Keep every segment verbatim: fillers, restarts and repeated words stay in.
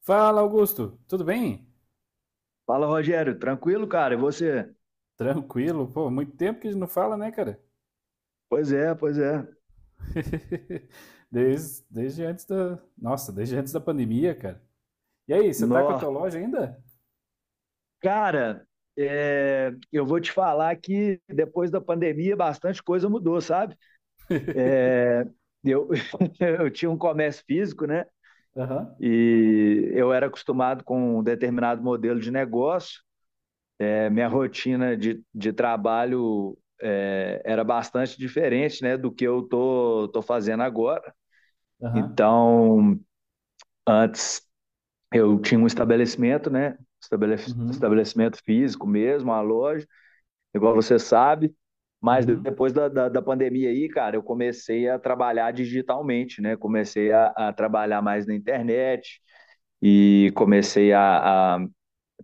Fala, Augusto. Tudo bem? Fala, Rogério. Tranquilo, cara? E você? Tranquilo. Pô, muito tempo que a gente não fala, né, cara? Pois é, pois é. Desde, desde antes da. Nossa, desde antes da pandemia, cara. E aí, você tá com a tua Nó. loja ainda? Cara, é, eu vou te falar que depois da pandemia bastante coisa mudou, sabe? Eu, eu tinha um comércio físico, né? Aham, E eu era acostumado com um determinado modelo de negócio. É, minha rotina de, de trabalho é, era bastante diferente, né, do que eu tô, tô fazendo agora. aham. Então, antes eu tinha um estabelecimento, né? Estabelec- Uhum, Estabelecimento físico mesmo, uma loja, igual você sabe. Mas uhum. depois da, da, da pandemia aí, cara, eu comecei a trabalhar digitalmente, né? Comecei a, a trabalhar mais na internet e comecei a, a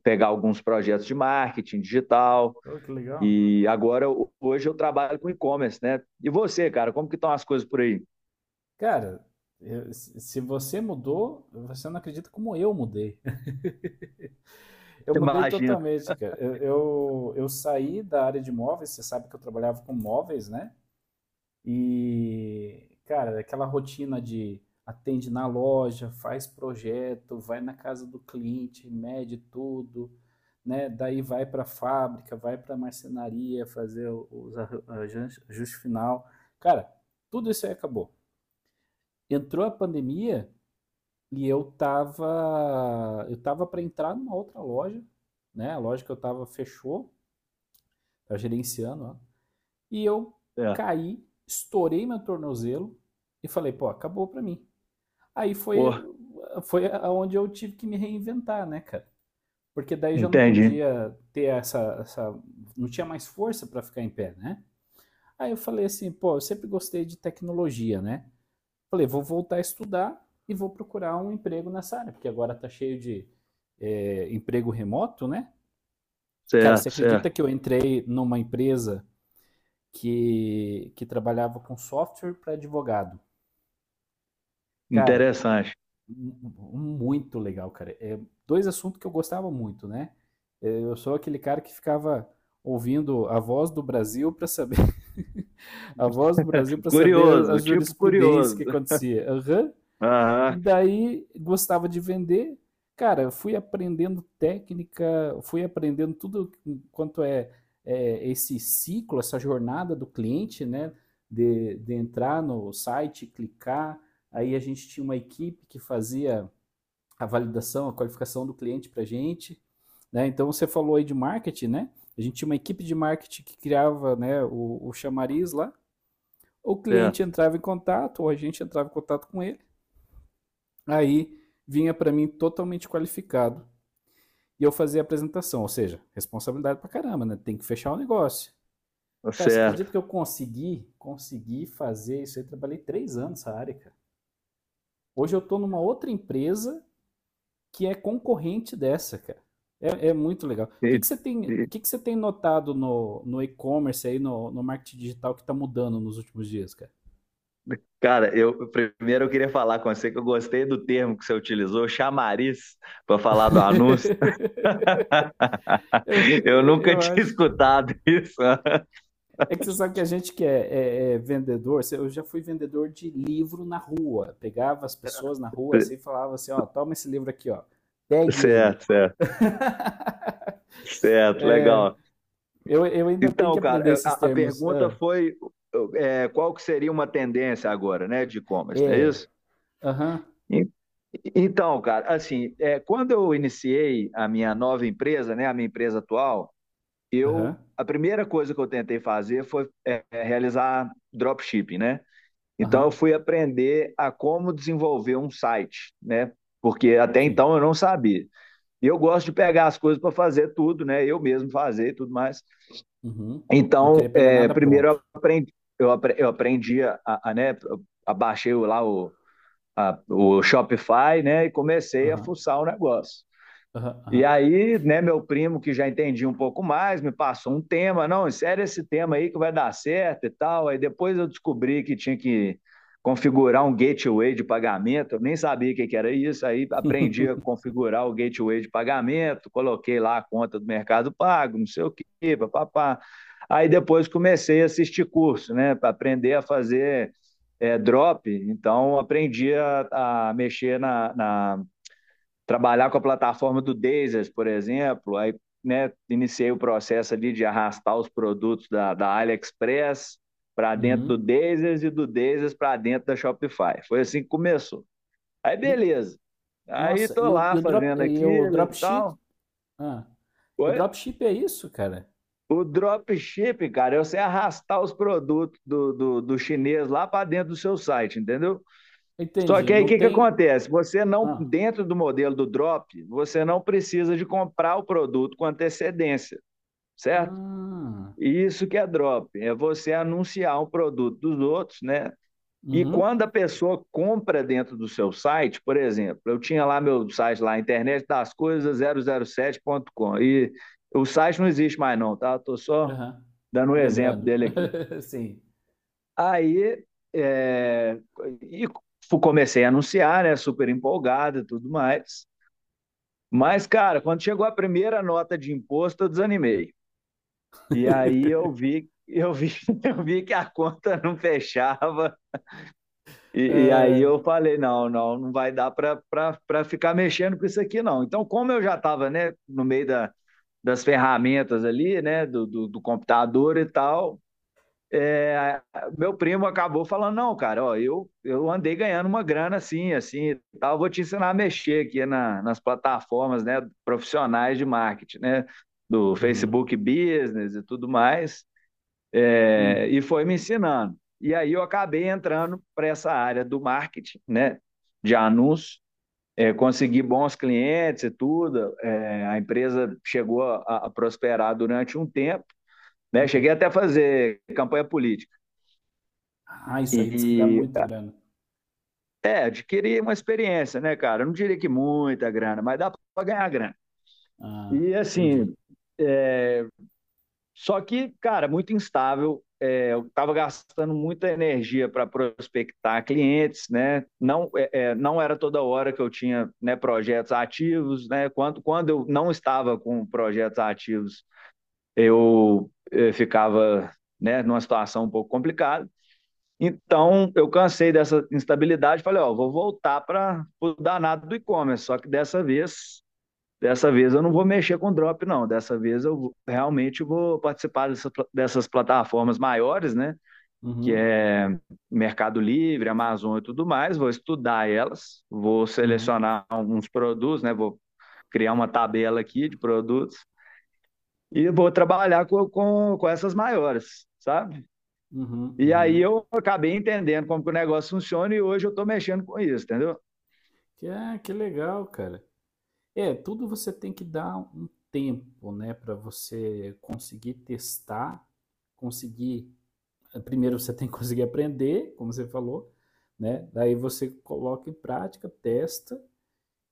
pegar alguns projetos de marketing digital. Oh, que legal. E agora, ho- hoje, eu trabalho com e-commerce, né? E você, cara, como que estão as coisas por aí? Cara, eu- se se você mudou, você não acredita como eu mudei. Eu mudei Imagina. totalmente, cara. Eu, eu, eu saí da área de móveis, você sabe que eu trabalhava com móveis, né? E, cara, aquela rotina de atende na loja, faz projeto, vai na casa do cliente, mede tudo, né? Daí vai para a fábrica, vai para a marcenaria fazer o- os arran- ajuste final. Cara, tudo isso aí acabou. Entrou a pandemia e eu tava, eu tava para entrar numa outra loja, né? A loja que eu tava fechou, tava gerenciando, ó. E eu Certo. caí, estourei meu tornozelo e falei, pô, acabou pra mim. Aí Pô, foi, foi onde eu tive que me reinventar, né, cara? Porque daí já não entendi. podia ter essa. essa não tinha mais força para ficar em pé, né? Aí eu falei assim, pô, eu sempre gostei de tecnologia, né? Falei, vou voltar a estudar e vou procurar um emprego nessa área, porque agora tá cheio de é, emprego remoto, né? Cara, você Certo, acredita certo. que eu entrei numa empresa que, que trabalhava com software para advogado. Cara, Interessante. um, um, um muito legal, cara. É dois assuntos que eu gostava muito, né? É, Eu sou aquele cara que ficava ouvindo a voz do Brasil para saber a voz do Brasil para saber a, a Curioso, tipo jurisprudência que curioso. acontecia. Aham, e Aham, daí gostava de vender. Cara, eu fui aprendendo técnica, fui aprendendo tudo quanto é, é, esse ciclo, essa jornada do cliente, né? De, de entrar no site, clicar. Aí a gente tinha uma equipe que fazia a validação, a qualificação do cliente para a gente. Né? Então você falou aí de marketing, né? A gente tinha uma equipe de marketing que criava né, o, o chamariz lá. O certo, cliente entrava em contato, ou a gente entrava em contato com ele. Aí vinha para mim totalmente qualificado e eu fazia a apresentação, ou seja, responsabilidade pra caramba, né? Tem que fechar o negócio. tá Cara, você certo. acredita que eu consegui, consegui fazer isso aí? Trabalhei três anos nessa área, cara. Hoje eu tô numa outra empresa que é concorrente dessa, cara. É, é muito legal. O E- que, que você tem, o e- que, que você tem notado no, no e-commerce aí, no, no marketing digital que tá mudando nos últimos dias, cara? Cara, eu primeiro eu queria falar com você que eu gostei do termo que você utilizou, chamariz, para falar do anúncio. eu, Eu nunca eu tinha acho. escutado isso. É que você sabe que a gente que é, é- é vendedor, eu já fui vendedor de livro na rua. Pegava as pessoas na rua assim e falava assim, ó, toma esse livro aqui, ó. Pegue ele. Certo, certo, certo, legal. Eu, eu ainda tenho que Então, cara, aprender eu- esses a, a termos. pergunta Ah, foi eu- é, qual que seria uma tendência agora, né, de e-commerce, não é é, isso? aham, En- Então, cara, assim, é, quando eu iniciei a minha nova empresa, né, a minha empresa atual, eu aham, a primeira coisa que eu tentei fazer foi é, é, realizar dropshipping, né? Então eu aham, fui aprender a como desenvolver um site, né? Porque até sim, então eu não sabia. E eu gosto de pegar as coisas para fazer tudo, né? Eu mesmo fazer e tudo mais. uhum. Não queria Então, pegar é, nada primeiro eu pronto. aprendi, eu apre- eu aprendi a, a, né, eu abaixei lá o a- o Shopify, né? E comecei a Aham, fuçar o negócio. aham, E aham. aí, né, meu primo, que já entendia um pouco mais, me passou um tema, não, insere esse tema aí que vai dar certo e tal. Aí depois eu descobri que tinha que configurar um gateway de pagamento, eu nem sabia o que era isso, aí aprendi a configurar o gateway de pagamento, coloquei lá a conta do Mercado Pago, não sei o que, papapá. Aí depois comecei a assistir curso, né, para aprender a fazer é, drop, então aprendi a, a mexer na, na trabalhar com a plataforma do Dazers, por exemplo, aí né, iniciei o processo ali de arrastar os produtos da, da AliExpress para dentro do Uhum. Dazers e do Dazers para dentro da Shopify. Foi assim que começou. Aí E- beleza. Aí nossa, tô e o, e lá o drop, fazendo e o aquilo e dropship? tal. Ah, o Oi? dropship é isso, cara? O dropship, cara, é você arrastar os produtos do, do, do chinês lá para dentro do seu site, entendeu? Só Entendi, que aí o não que, que tem... acontece? Você não, Ah, dentro do modelo do drop, você não precisa de comprar o produto com antecedência, certo? ah. E isso que é drop, é você anunciar um produto dos outros, né? E Uhum, quando a pessoa compra dentro do seu site, por exemplo, eu tinha lá meu site lá, internet das coisas zero zero sete ponto com, e o site não existe mais não, tá? Estou só aham. dando um exemplo Lembrando. dele aqui. Sim. Aí é, e fu- Comecei a anunciar, né? Super empolgado e tudo mais. Mas, cara, quando chegou a primeira nota de imposto, eu desanimei. E aí eu vi, eu vi, eu vi que a conta não fechava. E, e aí É. eu falei, não, não, não vai dar para para ficar mexendo com isso aqui, não. Então, como eu já estava, né, no meio da, das ferramentas ali, né, do, do do computador e tal, é, meu primo acabou falando, não, cara, ó, eu, eu andei ganhando uma grana assim, assim, e tal, vou te ensinar a mexer aqui na, nas plataformas, né, profissionais de marketing, né, do Uhum. Facebook Business e tudo mais, é, Hum, e foi me ensinando. E aí eu acabei entrando para essa área do marketing, né, de anúncios, é, consegui bons clientes e tudo, é, a empresa chegou a, a prosperar durante um tempo, né, cheguei uhum. até a fazer campanha política, Ah, isso aí diz que dá e muita grana. é, adquirir uma experiência, né, cara? Eu não diria que muita grana, mas dá para ganhar grana. Ah, E entendi. assim, só que, cara, muito instável. É, eu estava gastando muita energia para prospectar clientes, né? Não, é, é, não era toda hora que eu tinha né, projetos ativos, né? Quando, quando eu não estava com projetos ativos, eu, eu ficava né, numa situação um pouco complicada. Então, eu cansei dessa instabilidade, falei, ó, vou voltar para o danado do e-commerce, só que dessa vez, dessa vez eu não vou mexer com drop, não. Dessa vez eu vou- realmente vou participar dessa- dessas plataformas maiores, né? Que Uhum, é Mercado Livre, Amazon e tudo mais. Vou estudar elas, vou uhum, selecionar alguns produtos, né? Vou criar uma tabela aqui de produtos e vou trabalhar com, com, com essas maiores, sabe? uhum, E aí uhum. eu acabei entendendo como que o negócio funciona e hoje eu estou mexendo com isso, entendeu? Que, ah, que legal, cara. É, tudo você tem que dar um tempo, né, para você conseguir testar, conseguir. eh, Primeiro você tem que conseguir aprender, como você falou, né? Daí você coloca em prática, testa.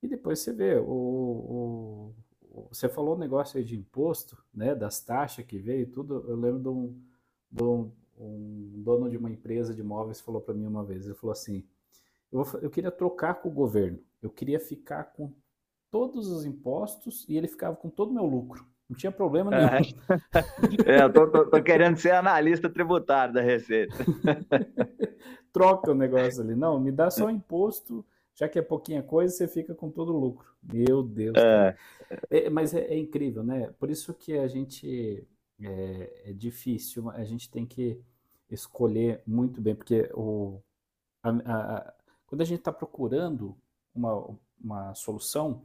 E depois você vê, o, o- você falou um negócio aí de imposto, né, das taxas que veio e tudo. Eu lembro de um, de um- um dono de uma empresa de imóveis falou para mim uma vez, ele falou assim, eu, eu queria trocar com o governo, eu queria ficar com todos os impostos e ele ficava com todo o meu lucro. Não tinha problema nenhum. É, é eu tô, tô, tô, querendo ser analista tributário da Receita. Troca o negócio ali. Não, me dá só o imposto, já que é pouquinha coisa, você fica com todo o lucro. Meu Deus, cara. É. É, mas é, é incrível, né? Por isso que a gente é, é difícil, a gente tem que escolher muito bem, porque o, a- a- a- quando a gente está procurando uma, uma solução,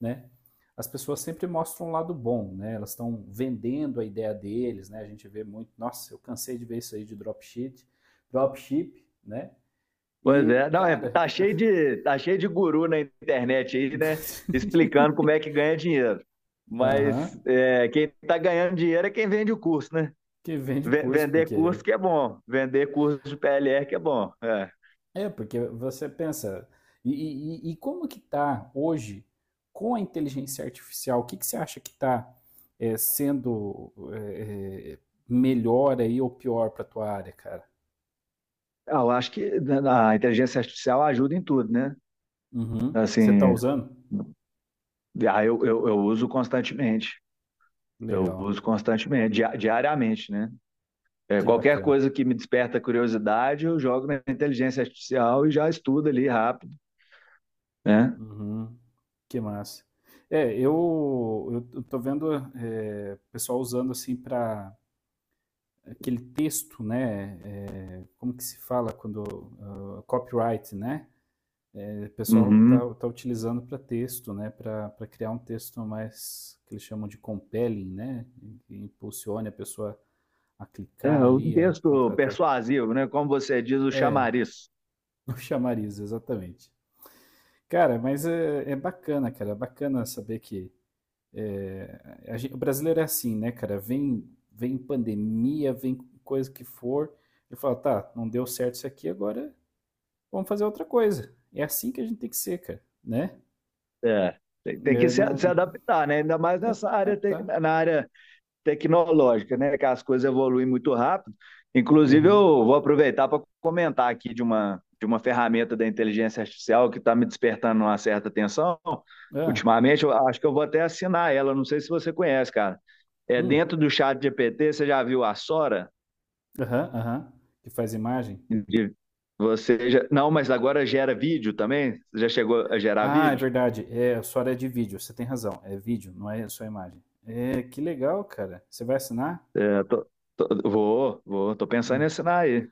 né? As pessoas sempre mostram um lado bom, né? Elas estão vendendo a ideia deles, né? A gente vê muito, nossa, eu cansei de ver isso aí de dropship, dropship, né? Pois E, é, não, é, cara, tá cheio de tá cheio de guru na internet aí, né? Explicando como é que ganha dinheiro. aham, Mas é, quem está ganhando dinheiro é quem vende o curso, né? que vende Ve- curso, Vender porque curso que é bom, vender curso de P L R que é bom. É. É, porque você pensa, e, e- e- como que está hoje com a inteligência artificial? O que que você acha que está sendo é, é, melhor aí ou pior para tua área, cara? Ah, eu acho que a inteligência artificial ajuda em tudo, né? Uhum. Você está Assim, usando? ah, eu, eu, eu uso constantemente. Eu Legal, uso constantemente, dia- diariamente, né? É, que Qualquer bacana. coisa que me desperta curiosidade, eu jogo na inteligência artificial e já estudo ali rápido, né? Uhum. Que massa. É, eu, eu eu tô vendo é, pessoal usando assim para aquele texto, né? é, como que se fala quando ah, copyright, né? O pessoal Uhum. está tá utilizando para texto, né? Para criar um texto mais que eles chamam de compelling, né? Que impulsione a pessoa a É, clicar é um ali, a texto contratar. persuasivo, né? Como você diz, o É, chamariz. o chamariz, exatamente. Cara, mas é, é bacana, cara. É bacana saber que é, a gente- o brasileiro é assim, né, cara? Vem, vem pandemia, vem coisa que for. Ele fala, tá, não deu certo isso aqui, agora vamos fazer outra coisa. É assim que a gente tem que ser, cara, né? É. Tem, tem que É, se, se não, adaptar, né? Ainda mais é, tá, nessa tá, área, te- tá. na área tecnológica, né? Que as coisas evoluem muito rápido. Inclusive, Aham. eu vou aproveitar para comentar aqui de uma, de uma ferramenta da inteligência artificial que está me despertando uma certa atenção. Hã? Ultimamente, eu acho que eu vou até assinar ela. Não sei se você conhece, cara. É Hum. dentro do chat G P T, você já viu a Sora? Aham, aham. Que faz imagem? De- Você já... Não, mas agora gera vídeo também? Você já chegou a gerar Ah, é vídeo? verdade. É, a sua área é de vídeo, você tem razão. É vídeo, não é só imagem. É, que legal, cara. Você vai assinar? É, tô- tô- vou, vou, tô pensando É, em assinar aí.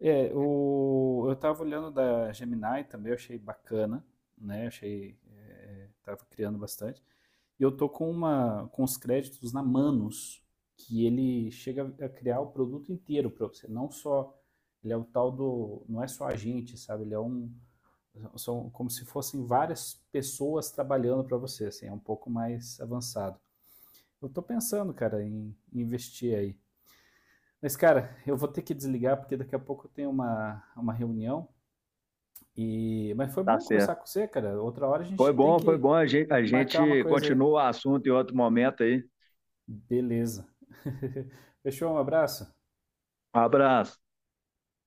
É, o, eu tava olhando da Gemini também, eu achei bacana, né? Eu achei, é, tava criando bastante. E eu tô com uma, com os créditos na Manus, que ele chega a criar o produto inteiro para você, não só, ele é o tal do, não é só agente, sabe? Ele é um. São como se fossem várias pessoas trabalhando para você, assim, é um pouco mais avançado. Eu tô pensando, cara, em em investir aí. Mas, cara, eu vou ter que desligar porque daqui a pouco eu tenho uma, uma reunião. E... Mas foi Tá bom conversar com certo. você, cara. Outra hora a Foi gente tem bom, foi que bom. A gente, a marcar uma gente coisa aí. continua o assunto em outro momento aí. Beleza. Fechou? Um abraço. Um abraço.